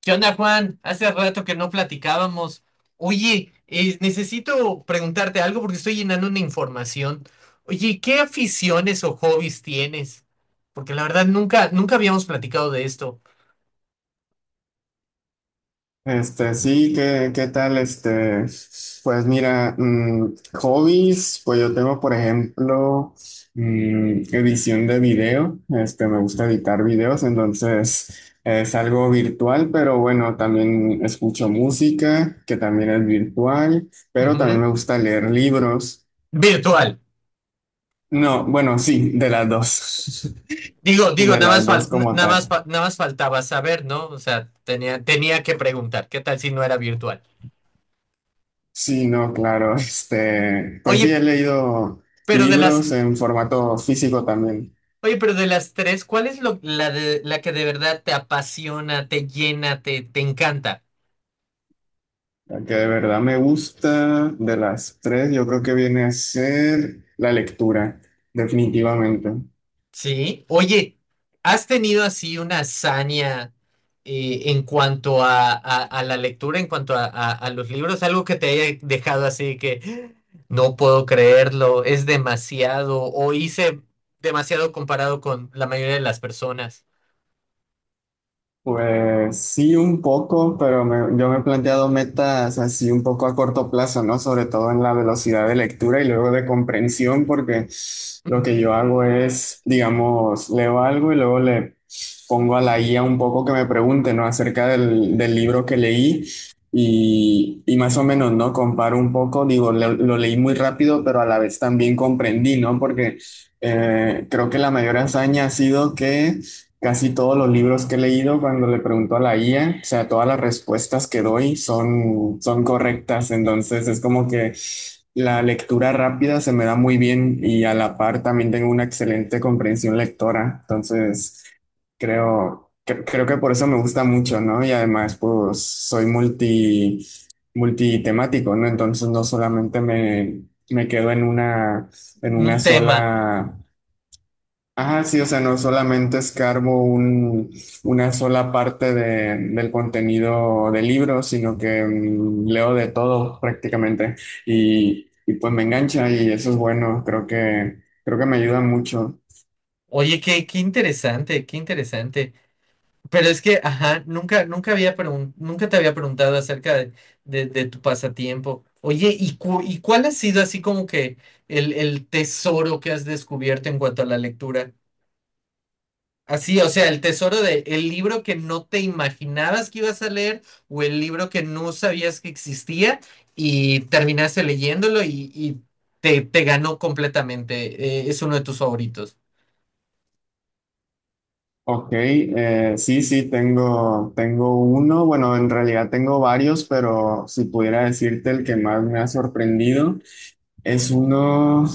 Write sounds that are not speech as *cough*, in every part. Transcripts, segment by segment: ¿Qué onda, Juan? Hace rato que no platicábamos. Oye, necesito preguntarte algo porque estoy llenando una información. Oye, ¿qué aficiones o hobbies tienes? Porque la verdad nunca habíamos platicado de esto. Sí, ¿qué tal? Pues mira, hobbies, pues yo tengo, por ejemplo, edición de video, me gusta editar videos, entonces es algo virtual, pero bueno, también escucho música, que también es virtual, pero también Ujú. me gusta leer libros. Virtual. No, bueno, sí, de las dos, *laughs* de Nada las más dos como tal. Nada más faltaba saber, ¿no? O sea, tenía que preguntar. ¿Qué tal si no era virtual? Sí, no, claro. *laughs* Pues sí, Oye, he leído pero de las libros en formato físico también. Oye, pero de las tres, ¿cuál es la que de verdad te apasiona, te llena, te encanta? La que de verdad me gusta de las tres, yo creo que viene a ser la lectura, definitivamente. ¿Sí? Oye, ¿has tenido así una hazaña en cuanto a, a la lectura, en cuanto a, a los libros? Algo que te haya dejado así que no puedo creerlo, es demasiado, o hice demasiado comparado con la mayoría de las personas. Pues sí, un poco, pero yo me he planteado metas así un poco a corto plazo, ¿no? Sobre todo en la velocidad de lectura y luego de comprensión, porque *laughs* lo que Ujú. yo hago es, digamos, leo algo y luego le pongo a la guía un poco que me pregunte, ¿no? Acerca del libro que leí y más o menos, ¿no? Comparo un poco, digo, lo leí muy rápido, pero a la vez también comprendí, ¿no? Porque creo que la mayor hazaña ha sido que... Casi todos los libros que he leído, cuando le pregunto a la IA, o sea, todas las respuestas que doy son, son correctas. Entonces es como que la lectura rápida se me da muy bien y a la par también tengo una excelente comprensión lectora. Entonces creo que por eso me gusta mucho, ¿no? Y además, pues soy multitemático, ¿no? Entonces no solamente me quedo en una Un tema. sola Ajá, sí, o sea, no solamente una sola parte del contenido del libro, sino que leo de todo prácticamente y pues me engancha y eso es bueno, creo que me ayuda mucho. Oye, qué interesante, qué interesante. Pero es que, ajá, nunca te había preguntado acerca de, de tu pasatiempo. Oye, ¿y, cuál ha sido así como que el tesoro que has descubierto en cuanto a la lectura? Así, o sea, el tesoro de el libro que no te imaginabas que ibas a leer o el libro que no sabías que existía y terminaste leyéndolo y, te, te ganó completamente. Es uno de tus favoritos. Ok, sí, tengo uno, bueno, en realidad tengo varios, pero si pudiera decirte el que más me ha sorprendido. Es uno,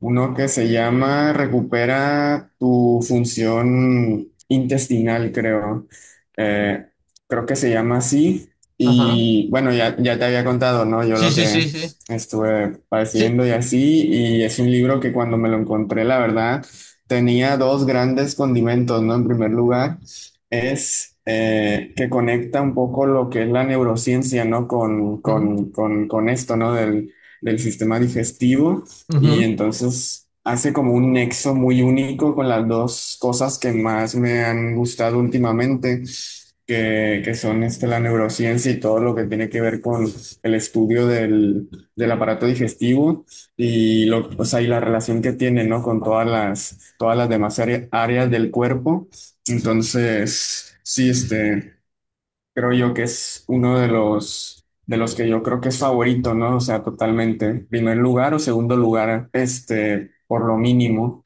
uno que se llama Recupera tu función intestinal, creo. Eh, creo que se llama así. Ajá. Y bueno, ya te había contado, ¿no? Yo Sí, lo sí, sí, que sí. estuve Sí. padeciendo y así. Y es un libro que cuando me lo encontré, la verdad, tenía dos grandes condimentos, ¿no? En primer lugar, es que conecta un poco lo que es la neurociencia, ¿no? Ujú, Con esto, ¿no? Del sistema digestivo y ujú. entonces hace como un nexo muy único con las dos cosas que más me han gustado últimamente, que son este, la neurociencia y todo lo que tiene que ver con el estudio del aparato digestivo y, lo, o sea, y la relación que tiene, ¿no? con todas todas las demás áreas del cuerpo. Entonces, sí, este... Creo yo que es uno de de los que yo creo que es favorito, ¿no? O sea, totalmente. Primer lugar o segundo lugar, este, por lo mínimo.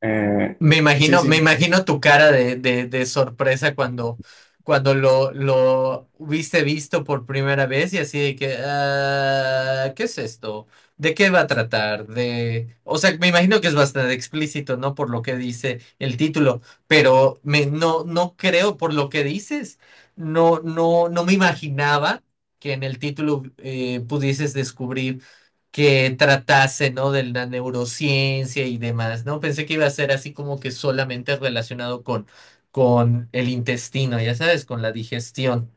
Eh, sí, Me sí. imagino tu cara de, de sorpresa cuando, cuando lo hubiste visto por primera vez y así de que, "Ah, ¿qué es esto? ¿De qué va a tratar? De... O sea, me imagino que es bastante explícito, ¿no? Por lo que dice el título, pero me, no, no creo por lo que dices. No me imaginaba que en el título pudieses descubrir que tratase, ¿no? De la neurociencia y demás, ¿no? Pensé que iba a ser así como que solamente relacionado con el intestino, ya sabes, con la digestión.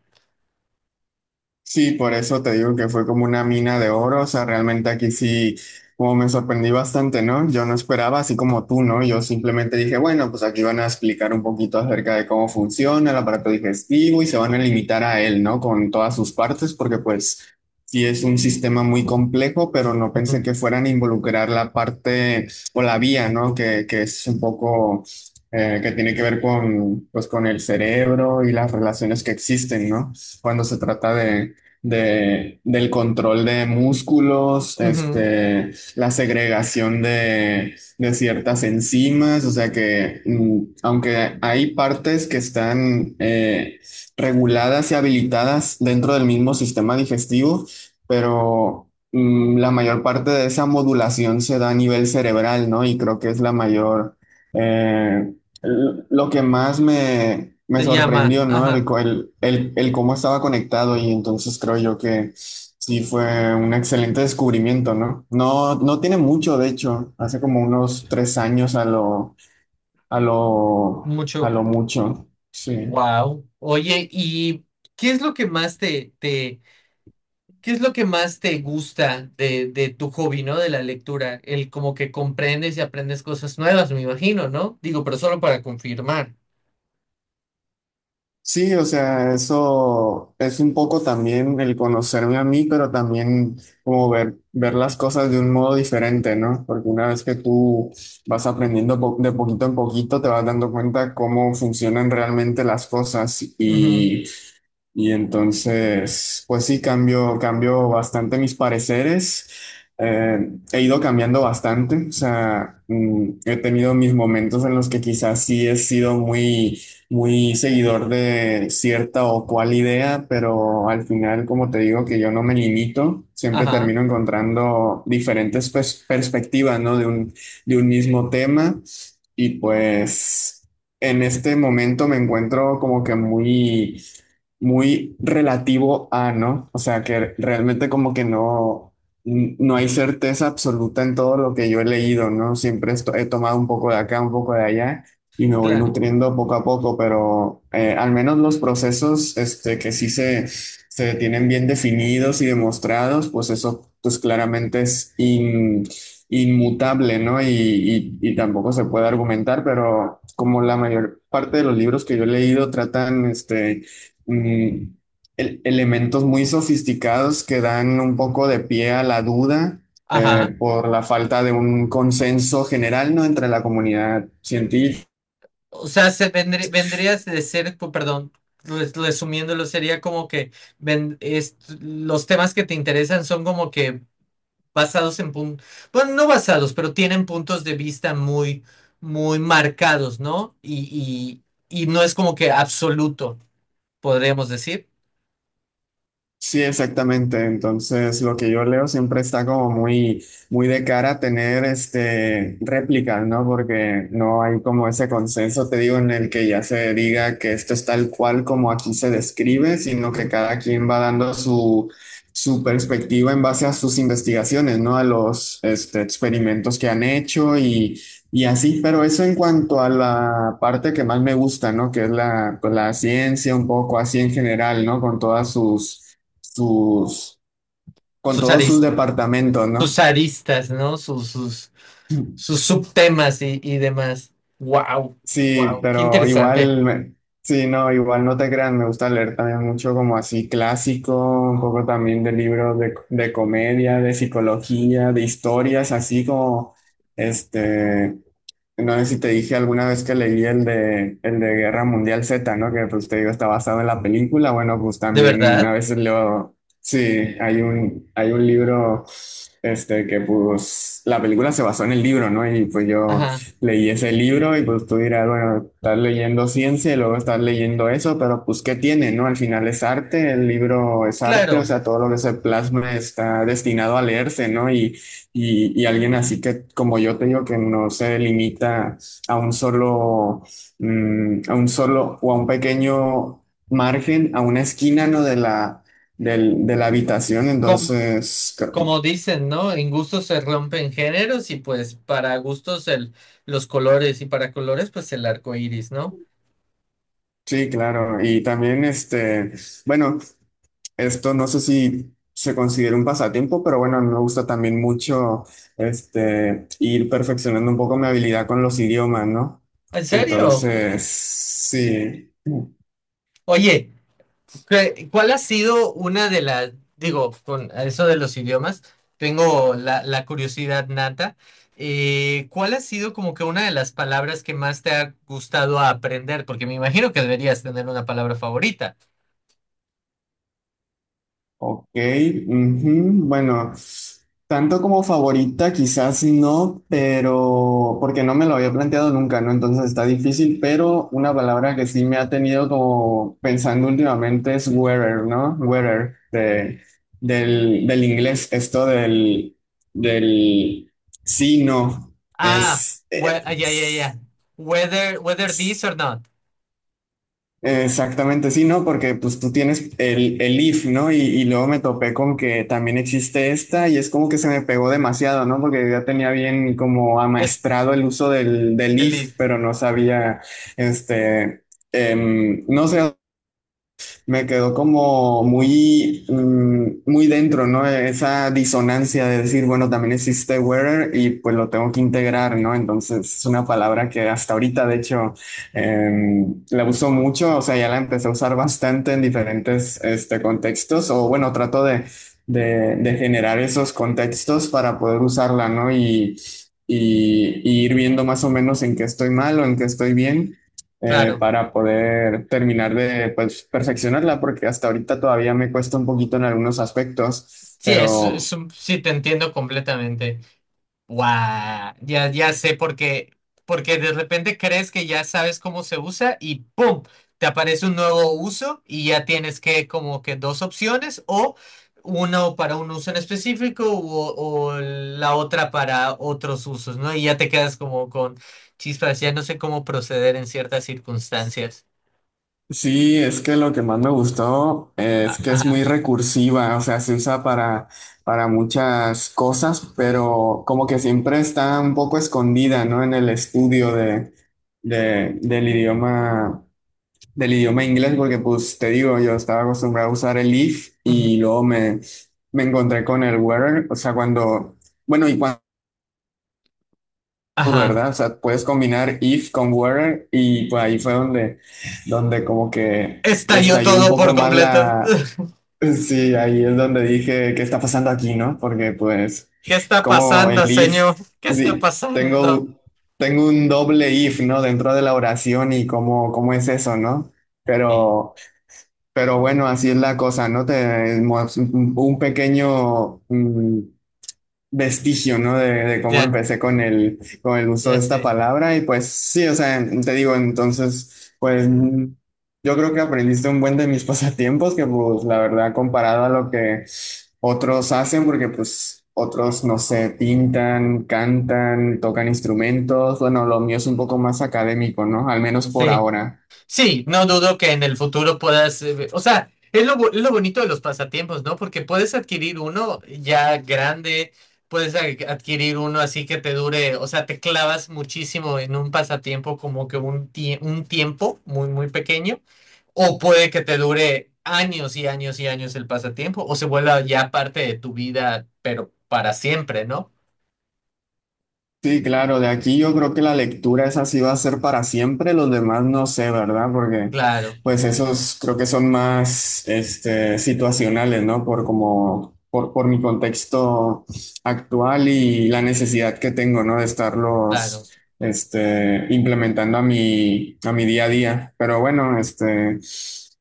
Sí, por eso te digo que fue como una mina de oro, o sea, realmente aquí sí, como me sorprendí bastante, ¿no? Yo no esperaba, así como tú, ¿no? Yo simplemente dije, bueno, pues aquí van a explicar un poquito acerca de cómo funciona el aparato digestivo y se van a limitar a él, ¿no? Con todas sus partes, porque pues sí es un sistema muy complejo, pero no pensé Ujú, que fueran a involucrar la parte o la vía, ¿no? Que es un poco... que tiene que ver con, pues, con el cerebro y las relaciones que existen, ¿no? Cuando se trata del control de músculos, ujú, este, la segregación de ciertas enzimas, o sea que aunque hay partes que están reguladas y habilitadas dentro del mismo sistema digestivo, pero la mayor parte de esa modulación se da a nivel cerebral, ¿no? Y creo que es la mayor... eh, Lo que más me Te llama, sorprendió, ¿no? ajá, El, co- el cómo estaba conectado y entonces creo yo que sí fue un excelente descubrimiento, ¿no? No, no tiene mucho, de hecho, hace como unos tres años a mucho. lo mucho. Sí. Wow. Oye, ¿y qué es lo que más qué es lo que más te gusta de tu hobby, ¿no? De la lectura, el como que comprendes y aprendes cosas nuevas, me imagino, ¿no? Digo, pero solo para confirmar. Sí, o sea, eso es un poco también el conocerme a mí, pero también como ver las cosas de un modo diferente, ¿no? Porque una vez que tú vas aprendiendo de poquito en poquito, te vas dando cuenta cómo funcionan realmente las cosas Ujú, y entonces, pues sí, cambio bastante mis pareceres. Eh, he ido cambiando bastante. O sea, he tenido mis momentos en los que quizás sí he sido muy, muy seguidor de cierta o cual idea, pero al final, como te digo, que yo no me limito, siempre ajá, termino encontrando diferentes perspectivas, ¿no? De un mismo tema. Y pues en este momento me encuentro como que muy muy relativo a, ¿no? O sea, que realmente como que no, no hay certeza absoluta en todo lo que yo he leído, ¿no? Siempre he tomado un poco de acá, un poco de allá y me voy claro. nutriendo poco a poco, pero al menos los procesos este, que sí se tienen bien definidos y demostrados, pues eso pues claramente es inmutable, ¿no? Y tampoco se puede argumentar, pero como la mayor parte de los libros que yo he leído tratan, este, mm, elementos muy sofisticados que dan un poco de pie a la duda Ajá. Por la falta de un consenso general, ¿no? entre la comunidad científica O sea, se vendrías de ser, perdón, resumiéndolo, sería como que ven- es- los temas que te interesan son como que basados en puntos, bueno, no basados, pero tienen puntos de vista muy marcados, ¿no? Y no es como que absoluto, podríamos decir. Sí, exactamente. Entonces, lo que yo leo siempre está como muy, muy de cara a tener este réplicas, ¿no? Porque no hay como ese consenso, te digo, en el que ya se diga que esto es tal cual como aquí se describe, sino que Mm. cada quien va dando su, su perspectiva en base a sus investigaciones, ¿no? A los este, experimentos que han hecho y así. Pero eso en cuanto a la parte que más me gusta, ¿no? Que es la, pues, la ciencia, un poco así en general, ¿no? Con todas sus, con Sus todos sus aris- departamentos, sus ¿no? aristas, ¿no? Sus *clears throat* subtemas y demás. Wow, Sí, wow, qué pero interesante. igual, sí, no, igual no te crean, me gusta leer también mucho como así clásico, un poco también de libros de comedia, de psicología, de historias, así como, este, No sé si te dije alguna vez que leí el de Guerra Mundial Z, ¿no? Que pues te digo, está basado en la película. Bueno, pues ¿De también verdad? a veces leo, sí, hay un libro, este, que pues la película se basó en el libro, ¿no? Y pues yo Ajá, leí ese libro y pues tú dirás, bueno, estás leyendo ciencia y luego estás leyendo eso, pero pues ¿qué tiene, no? Al final es arte, el libro es arte, o claro. sea, todo lo que se plasma está destinado a leerse, ¿no? Y alguien así que, como yo te digo, que no se limita a un solo, a un solo o a un pequeño margen, a una esquina, ¿no? De la habitación. Com- Entonces, como dicen, ¿no? En gustos se rompen géneros y pues para gustos el, los colores y para colores pues el arco iris, ¿no? sí, claro. Y también, bueno, esto no sé si se considera un pasatiempo, pero bueno, me gusta también mucho, ir perfeccionando un poco mi habilidad con los idiomas, ¿no? ¿En serio? Entonces, sí. Oye, ¿cuál ha sido una de las, digo, con eso de los idiomas, tengo la curiosidad nata, ¿cuál ha sido como que una de las palabras que más te ha gustado aprender? Porque me imagino que deberías tener una palabra favorita. Ok, ujú, bueno, tanto como favorita quizás no, pero porque no me lo había planteado nunca, ¿no? Entonces está difícil, pero una palabra que sí me ha tenido como pensando últimamente es wearer, ¿no? Del inglés, esto del sí, no, Ah, es, ah, ya, ya, ya. Whether, whether this or not. exactamente, sí, ¿no? Porque pues tú tienes el if, ¿no? Y luego me topé con que también existe esta y es como que se me pegó demasiado, ¿no? Porque ya tenía bien como Es amaestrado el uso del the if, leaf, pero no sabía, este, no sé, me quedó como muy, muy dentro, ¿no? Esa disonancia de decir, bueno, también existe wearer y pues lo tengo que integrar, ¿no? Entonces es una palabra que hasta ahorita, de hecho, la uso mucho, o sea, ya la empecé a usar bastante en diferentes este, contextos, o bueno, trato de generar esos contextos para poder usarla, ¿no? Y ir viendo más o menos en qué estoy mal o en qué estoy bien claro. para poder terminar de pues, perfeccionarla, porque hasta ahorita todavía me cuesta un poquito en algunos aspectos, Sí, es pero sí, te entiendo completamente. Guau, ya sé por qué. Porque de repente crees que ya sabes cómo se usa y ¡pum! Te aparece un nuevo uso y ya tienes que como que dos opciones o uno para un uso en específico o la otra para otros usos, ¿no? Y ya te quedas como con chispas, ya no sé cómo proceder en ciertas circunstancias. sí, es que lo que más me gustó es A- que es ajá. muy recursiva, o sea, se usa para muchas cosas, pero como que siempre está un poco escondida, ¿no? En el estudio del idioma. Del idioma inglés porque pues te digo, yo estaba acostumbrado a usar el if y Ujú, luego me encontré con el where, o sea, cuando, bueno, y cuando, ajá. ¿verdad? O sea, puedes combinar if con where y pues ahí fue donde, donde como que ¡Estalló estalló un todo por poco más completo! la, *laughs* sí, ahí es donde dije, ¿qué está pasando aquí, no? Porque pues ¿Qué está como el pasando, señor? if, ¿Qué está sí, pasando? tengo, tengo un doble if, ¿no? Dentro de la oración y cómo, cómo es eso, ¿no? Sí, Pero... Pero bueno, así es la cosa, ¿no? Un pequeño vestigio, ¿no? De cómo ya, empecé con el uso ya de esta sé. palabra. Y pues sí, o sea, te digo, entonces, pues yo creo que aprendiste un buen de mis *laughs* pasatiempos, que pues la verdad, comparado a lo que otros hacen, porque pues otros, no sé, pintan, cantan, tocan instrumentos. Bueno, lo mío es un poco más académico, ¿no? Al menos por Sí. ahora. Sí, no dudo que en el futuro puedas, o sea, es lo bonito de los pasatiempos, ¿no? Porque puedes adquirir uno ya grande, puedes adquirir uno así que te dure, o sea, te clavas muchísimo en un pasatiempo como que un, un tiempo muy pequeño, o puede que te dure años y años y años el pasatiempo, o se vuelva ya parte de tu vida, pero para siempre, ¿no? Sí, claro, de aquí yo creo que la lectura esa sí va a ser para siempre, los demás no sé, ¿verdad? Porque Claro, pues esos creo que son más este, situacionales, ¿no? Por como, por mi contexto actual y la necesidad que tengo, ¿no? De claro, estarlos este, implementando a mi día a día. Pero bueno, este,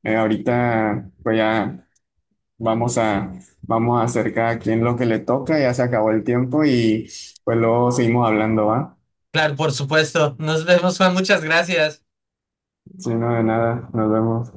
ahorita pues ya. Vamos a, vamos a hacer cada quien lo que le toca, ya se acabó el tiempo y pues luego seguimos hablando, ¿va? claro, por supuesto. Nos vemos, Juan, muchas gracias. Si no, de nada, nos vemos.